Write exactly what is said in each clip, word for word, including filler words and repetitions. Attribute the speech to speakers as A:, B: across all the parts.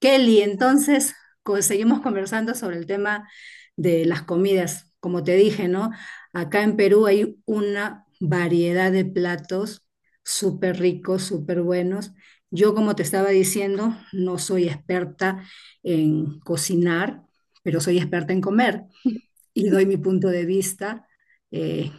A: Kelly, entonces co- seguimos conversando sobre el tema de las comidas. Como te dije, ¿no? Acá en Perú hay una variedad de platos súper ricos, súper buenos. Yo, como te estaba diciendo, no soy experta en cocinar, pero soy experta en comer y doy mi punto de vista eh,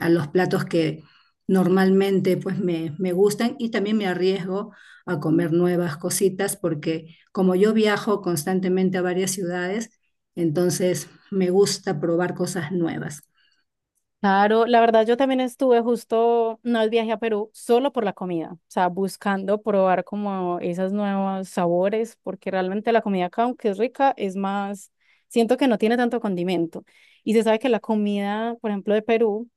A: a los platos que normalmente pues me, me, gustan y también me arriesgo a comer nuevas cositas porque como yo viajo constantemente a varias ciudades, entonces me gusta probar cosas nuevas.
B: Claro, la verdad yo también estuve justo, no es viaje a Perú, solo por la comida, o sea, buscando probar como esos nuevos sabores, porque realmente la comida acá, aunque es rica, es más, siento que no tiene tanto condimento. Y se sabe que la comida, por ejemplo, de Perú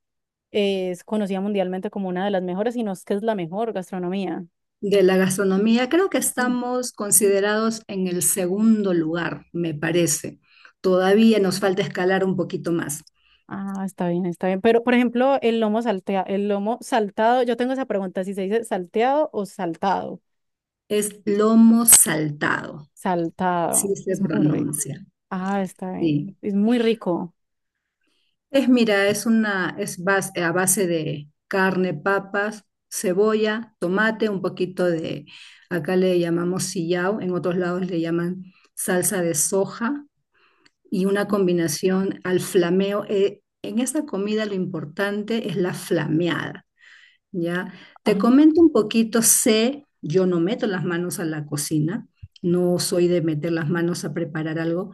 B: es conocida mundialmente como una de las mejores, y no es que es la mejor gastronomía.
A: De la gastronomía, creo que
B: Sí.
A: estamos considerados en el segundo lugar, me parece. Todavía nos falta escalar un poquito más.
B: Ah, está bien, está bien. Pero, por ejemplo, el lomo saltea, el lomo saltado, yo tengo esa pregunta, si se dice salteado o saltado.
A: Es lomo saltado, sí
B: Saltado,
A: se
B: es muy rico.
A: pronuncia.
B: Ah, está bien.
A: Sí.
B: Es muy rico.
A: Es, mira, es una, es bas- a base de carne, papas, cebolla, tomate, un poquito de, acá le llamamos sillao, en otros lados le llaman salsa de soja y una combinación al flameo. Eh, en esta comida lo importante es la flameada. Ya, te
B: Ajá.
A: comento un poquito, sé, yo no meto las manos a la cocina, no soy de meter las manos a preparar algo,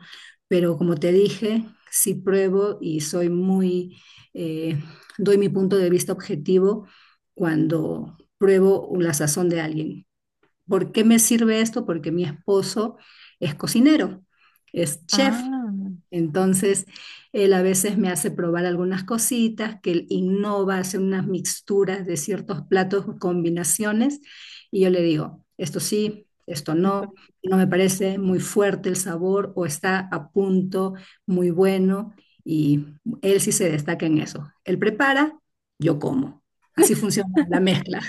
A: pero como te dije, sí pruebo y soy muy, eh, doy mi punto de vista objetivo cuando pruebo la sazón de alguien. ¿Por qué me sirve esto? Porque mi esposo es cocinero, es chef,
B: Ah,
A: entonces, él a veces me hace probar algunas cositas, que él innova, hace unas mixturas de ciertos platos, combinaciones, y yo le digo, esto sí, esto
B: está
A: no,
B: bien.
A: no me parece muy fuerte el sabor o está a punto, muy bueno, y él sí se destaca en eso. Él prepara, yo como. Así funciona la mezcla.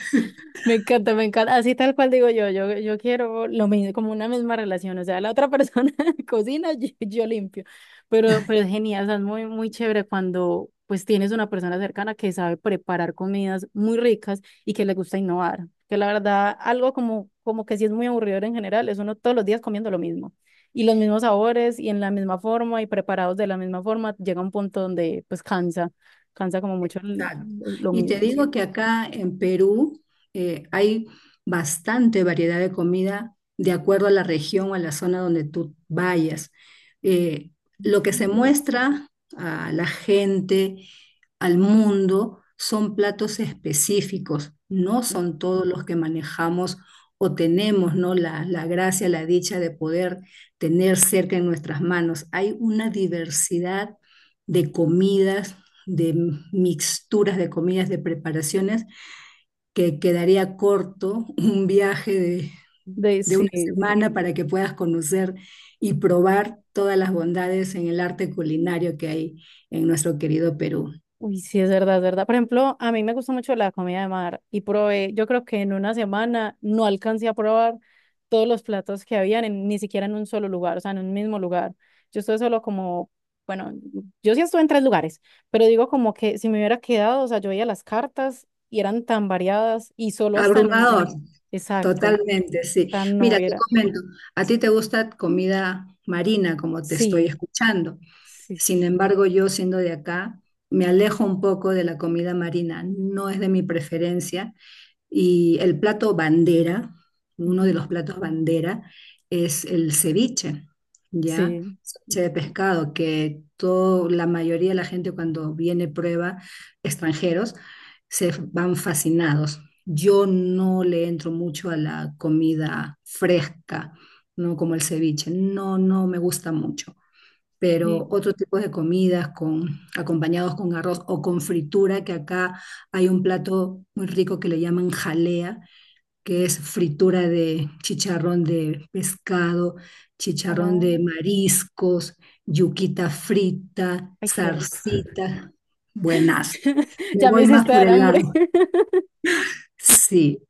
B: Me encanta, me encanta. Así tal cual digo yo, yo, yo quiero lo mismo, como una misma relación. O sea, la otra persona cocina, yo, yo limpio. Pero, pero es genial, o sea, es muy, muy chévere cuando pues tienes una persona cercana que sabe preparar comidas muy ricas y que le gusta innovar. Que la verdad, algo como, como que sí es muy aburridor en general, es uno todos los días comiendo lo mismo. Y los mismos sabores y en la misma forma y preparados de la misma forma, llega un punto donde pues cansa, cansa como mucho el-
A: Claro.
B: lo
A: Y te
B: mismo
A: digo
B: siempre.
A: que acá en Perú eh, hay bastante variedad de comida de acuerdo a la región o a la zona donde tú vayas. Eh, lo que se muestra a la gente, al mundo, son platos específicos, no son todos los que manejamos o tenemos, ¿no? La, la gracia, la dicha de poder tener cerca en nuestras manos. Hay una diversidad de comidas de mixturas de comidas, de preparaciones, que quedaría corto un viaje de,
B: De,
A: de una
B: sí, sí.
A: semana para que puedas conocer y probar todas las bondades en el arte culinario que hay en nuestro querido Perú.
B: Uy, sí, es verdad, es verdad. Por ejemplo, a mí me gusta mucho la comida de mar y probé, yo creo que en una semana no alcancé a probar todos los platos que habían, en- ni siquiera en un solo lugar, o sea, en un mismo lugar. Yo estuve solo como, bueno, yo sí estuve en tres lugares, pero digo como que si me hubiera quedado, o sea, yo veía las cartas y eran tan variadas y solo hasta en un,
A: Abrumador,
B: en- exacto,
A: totalmente, sí.
B: tan no
A: Mira, te
B: era.
A: comento, a ti te gusta comida marina, como te estoy
B: Sí,
A: escuchando.
B: sí, sí.
A: Sin embargo, yo siendo de acá, me alejo un poco de la comida marina, no es de mi preferencia. Y el plato bandera, uno de
B: Ujú.
A: los platos bandera, es el ceviche, ¿ya?
B: Sí.
A: Ceviche de
B: Sí.
A: pescado, que todo, la mayoría de la gente cuando viene prueba, extranjeros, se van fascinados. Yo no le entro mucho a la comida fresca, ¿no? Como el ceviche, no, no me gusta mucho pero
B: Sí.
A: otro tipo de comidas con, acompañados con arroz o con fritura, que acá hay un plato muy rico que le llaman jalea, que es fritura de chicharrón de pescado, chicharrón de
B: Oh,
A: mariscos, yuquita frita,
B: ay, qué rico.
A: zarcita, buenas. Me
B: Ya me
A: voy más
B: hiciste
A: por
B: dar
A: el
B: hambre.
A: lado. Sí,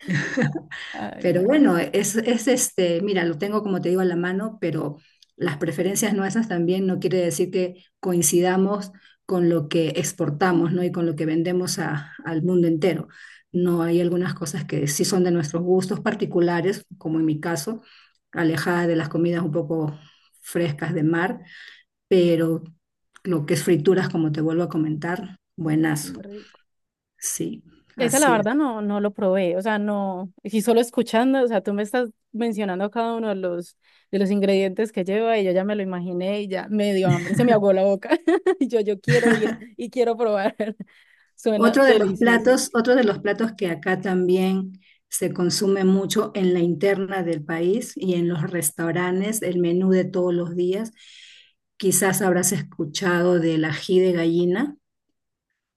B: Ay,
A: pero
B: muy
A: bueno,
B: rico,
A: es, es este, mira, lo tengo como te digo a la mano, pero las preferencias nuestras también no quiere decir que coincidamos con lo que exportamos, ¿no? Y con lo que vendemos a- al mundo entero. No hay algunas cosas que sí son de nuestros gustos particulares, como en mi caso, alejada de las comidas un poco frescas de mar, pero lo que es frituras, como te vuelvo a comentar, buenazo.
B: muy rico.
A: Sí,
B: Esa la
A: así es.
B: verdad no, no lo probé, o sea, no, y solo escuchando, o sea, tú me estás mencionando cada uno de los, de los ingredientes que lleva y yo ya me lo imaginé y ya me dio hambre, se me ahogó la boca. Y yo, yo quiero ir y quiero probar. Suena
A: Otro de los
B: delicioso.
A: platos, otro de los platos que acá también se consume mucho en la interna del país y en los restaurantes, el menú de todos los días. Quizás habrás escuchado del ají de gallina.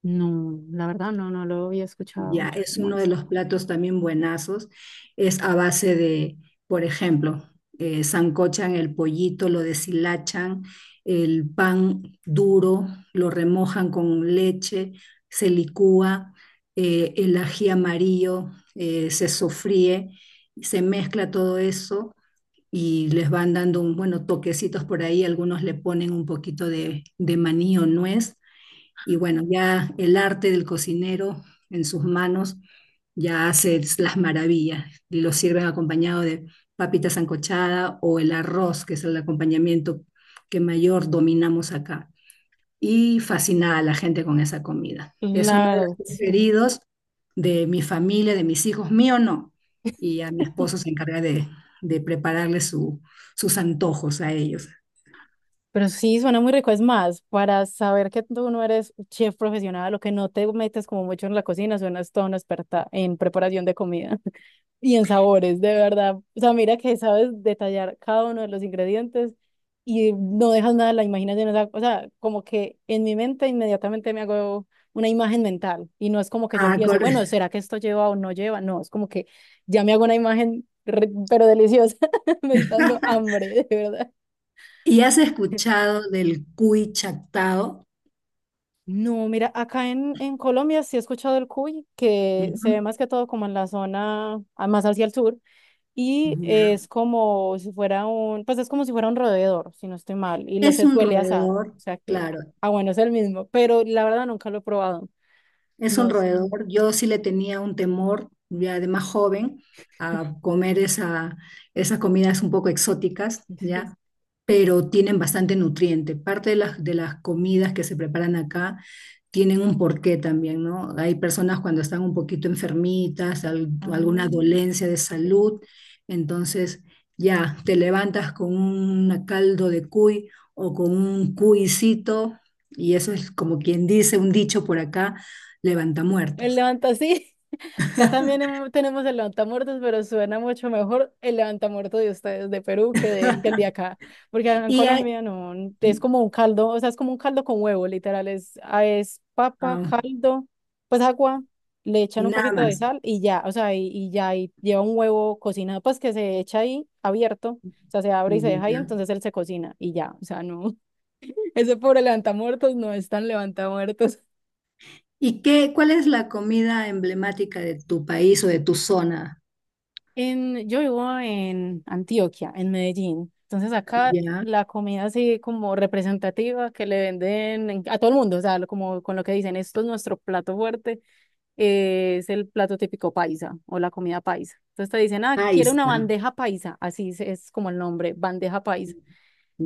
B: No, la verdad no, no lo había escuchado.
A: Ya, es
B: ¿Cómo
A: uno de
B: es?
A: los platos también buenazos. Es a base de, por ejemplo, eh, sancochan el pollito, lo deshilachan, el pan duro, lo remojan con leche, se licúa, eh, el ají amarillo, eh, se sofríe, se mezcla todo eso y les van dando un, bueno, toquecitos por ahí. Algunos le ponen un poquito de, de maní o nuez y bueno, ya el arte del cocinero en sus manos ya hace las maravillas y lo sirven acompañado de papita sancochada o el arroz, que es el acompañamiento que mayor dominamos acá. Y fascinada a la gente con esa comida. Es uno
B: La
A: de
B: verdad,
A: los
B: sí.
A: preferidos de mi familia, de mis hijos, mío no. Y a mi esposo se encarga de, de prepararle su- sus antojos a ellos.
B: Pero sí, suena muy rico. Es más, para saber que tú no eres chef profesional o que no te metes como mucho en la cocina, suenas toda una experta en preparación de comida y en sabores, de verdad. O sea, mira que sabes detallar cada uno de los ingredientes y no dejas nada a la imaginación. O sea, o sea, como que en mi mente inmediatamente me hago una imagen mental y no es como que yo
A: Ah,
B: empiezo,
A: cor-
B: bueno, ¿será que esto lleva o no lleva? No, es como que ya me hago una imagen, re- pero deliciosa. Me está dando hambre, de verdad.
A: ¿Y has escuchado del cuy chactado?
B: No, mira, acá en, en Colombia sí he escuchado el cuy, que se ve
A: Ujú,
B: más que todo como en la zona, ah, más hacia el sur, y
A: ujú, ya.
B: es como si fuera un, pues es como si fuera un roedor, si no estoy mal, y lo
A: Es
B: se
A: un
B: suele asar, o
A: roedor,
B: sea que,
A: claro.
B: ah, bueno, es el mismo, pero la verdad nunca lo he probado,
A: Es un
B: no sé.
A: roedor. Yo sí le tenía un temor, ya de más joven, a comer esa, esas comidas un poco exóticas,
B: Sí.
A: ¿ya? Pero tienen bastante nutriente. Parte de las, de las comidas que se preparan acá tienen un porqué también, ¿no? Hay personas cuando están un poquito enfermitas, al- alguna
B: Ah,
A: dolencia de
B: qué
A: salud,
B: chévere.
A: entonces ya te levantas con un caldo de cuy o con un cuicito, y eso es como quien dice, un dicho por acá levanta
B: El
A: muertos.
B: levanta así. Acá también hemo- tenemos el levantamuertos, pero suena mucho mejor el levantamuertos de ustedes, de Perú, que, de, que el de acá. Porque acá en
A: Y, hay-
B: Colombia no, es como un caldo, o sea, es como un caldo con huevo, literal. Es, ah, es papa,
A: ah,
B: caldo, pues agua, le echan
A: y
B: un
A: nada
B: poquito de
A: más.
B: sal y ya, o sea, y, y ya, y lleva un huevo cocinado, pues que se echa ahí abierto, o sea, se abre y se deja ahí,
A: Ya.
B: entonces él se cocina y ya, o sea, no. Ese pobre levantamuertos no es tan levantamuertos.
A: ¿Y qué, cuál es la comida emblemática de tu país o de tu zona?
B: En, yo vivo en Antioquia, en Medellín. Entonces acá
A: Ya,
B: la comida así como representativa que le venden en- a todo el mundo, o sea, lo- como con lo que dicen, esto es nuestro plato fuerte, eh, es el plato típico paisa o la comida paisa. Entonces te dicen, ah,
A: ahí
B: quiere una
A: está,
B: bandeja paisa, así es, es como el nombre, bandeja paisa.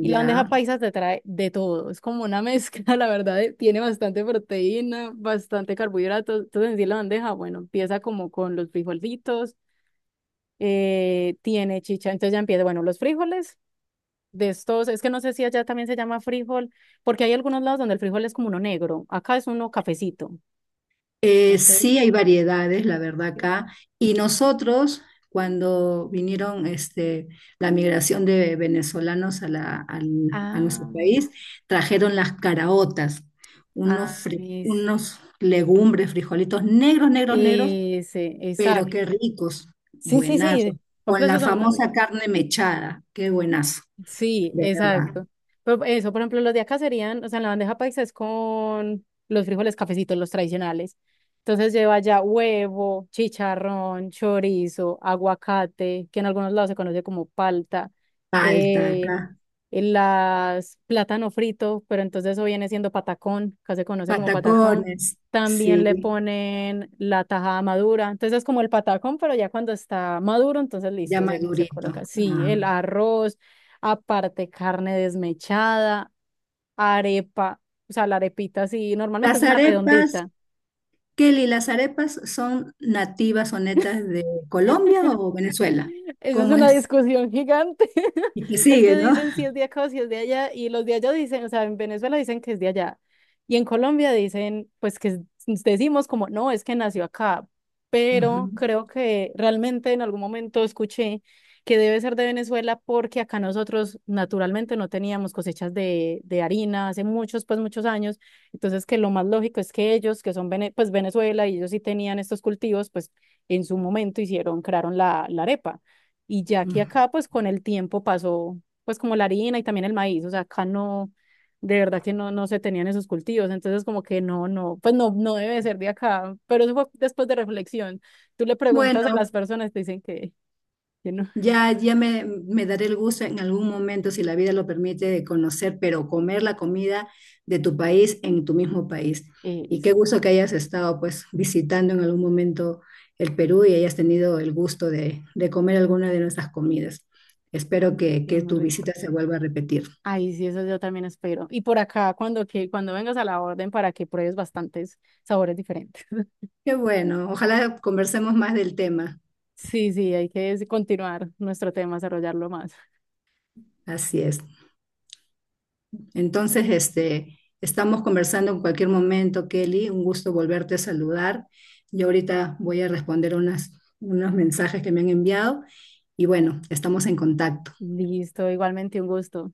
B: Y la bandeja paisa te trae de todo, es como una mezcla, la verdad, eh, tiene bastante proteína, bastante carbohidratos. Entonces en sí la bandeja, bueno, empieza como con los frijolitos, eh, tiene chicha. Entonces ya empieza, bueno, los frijoles de estos, es que no sé si allá también se llama frijol, porque hay algunos lados donde el frijol es como uno negro, acá es uno cafecito.
A: Eh,
B: Entonces,
A: sí hay variedades, la verdad,
B: eh,
A: acá. Y nosotros, cuando vinieron este, la migración de venezolanos a, la, al- a nuestro
B: ah,
A: país, trajeron las caraotas,
B: ah,
A: unos, fri-
B: es-
A: unos legumbres, frijolitos negros, negros, negros,
B: ese,
A: pero
B: exacto.
A: qué ricos,
B: Sí, sí,
A: buenazo.
B: sí,
A: Con la
B: complejos son muy
A: famosa
B: ricos.
A: carne mechada, qué buenazo,
B: Sí,
A: de verdad.
B: exacto. Pero eso, por ejemplo, los de acá serían, o sea, en la bandeja paisa es con los frijoles cafecitos, los tradicionales. Entonces lleva ya huevo, chicharrón, chorizo, aguacate, que en algunos lados se conoce como palta,
A: Palta
B: eh,
A: acá,
B: el las plátano frito, pero entonces eso viene siendo patacón, acá se conoce como patacón.
A: patacones,
B: También le
A: sí,
B: ponen la tajada madura, entonces es como el patacón, pero ya cuando está maduro, entonces
A: ya
B: listo, se, se
A: madurito.
B: coloca así,
A: Ah.
B: el arroz, aparte carne desmechada, arepa, o sea, la arepita así, normalmente
A: Las
B: es una
A: arepas,
B: redondita.
A: Kelly, ¿las arepas son nativas o netas de Colombia o Venezuela?
B: Esa es
A: ¿Cómo
B: una
A: es?
B: discusión gigante.
A: Y que
B: Es que
A: sigue, ¿no?
B: dicen si es de acá o si es de allá, y los de allá dicen, o sea, en Venezuela dicen que es de allá, y en Colombia dicen, pues que es- decimos como, no, es que nació acá, pero
A: Ujú,
B: creo que realmente en algún momento escuché que debe ser de Venezuela porque acá nosotros naturalmente no teníamos cosechas de, de harina hace muchos, pues muchos años, entonces que lo más lógico es que ellos, que son vene- pues Venezuela, y ellos sí tenían estos cultivos, pues en su momento hicieron, crearon la, la arepa. Y ya que
A: ujú.
B: acá, pues con el tiempo pasó, pues como la harina y también el maíz, o sea, acá no, de verdad que no, no se tenían esos cultivos, entonces como que no, no, pues no, no debe ser de acá, pero eso fue después de reflexión. Tú le preguntas a las
A: Bueno,
B: personas, te dicen que, que no,
A: ya, ya me, me daré el gusto en algún momento, si la vida lo permite, de conocer, pero comer la comida de tu país en tu mismo país.
B: eh,
A: Y qué
B: sí,
A: gusto que hayas estado pues visitando en algún momento el Perú y hayas tenido el gusto de, de comer alguna de nuestras comidas. Espero que,
B: sí, es
A: que
B: muy
A: tu
B: rico.
A: visita se vuelva a repetir.
B: Ay, sí, eso yo también espero. Y por acá, cuando, que, cuando vengas a la orden para que pruebes bastantes sabores diferentes.
A: Qué bueno, ojalá conversemos más del tema.
B: Sí, sí, hay que continuar nuestro tema, desarrollarlo más.
A: Así es. Entonces, este, estamos conversando en cualquier momento, Kelly. Un gusto volverte a saludar. Yo ahorita voy a responder unas, unos mensajes que me han enviado y bueno, estamos en contacto.
B: Listo, igualmente un gusto.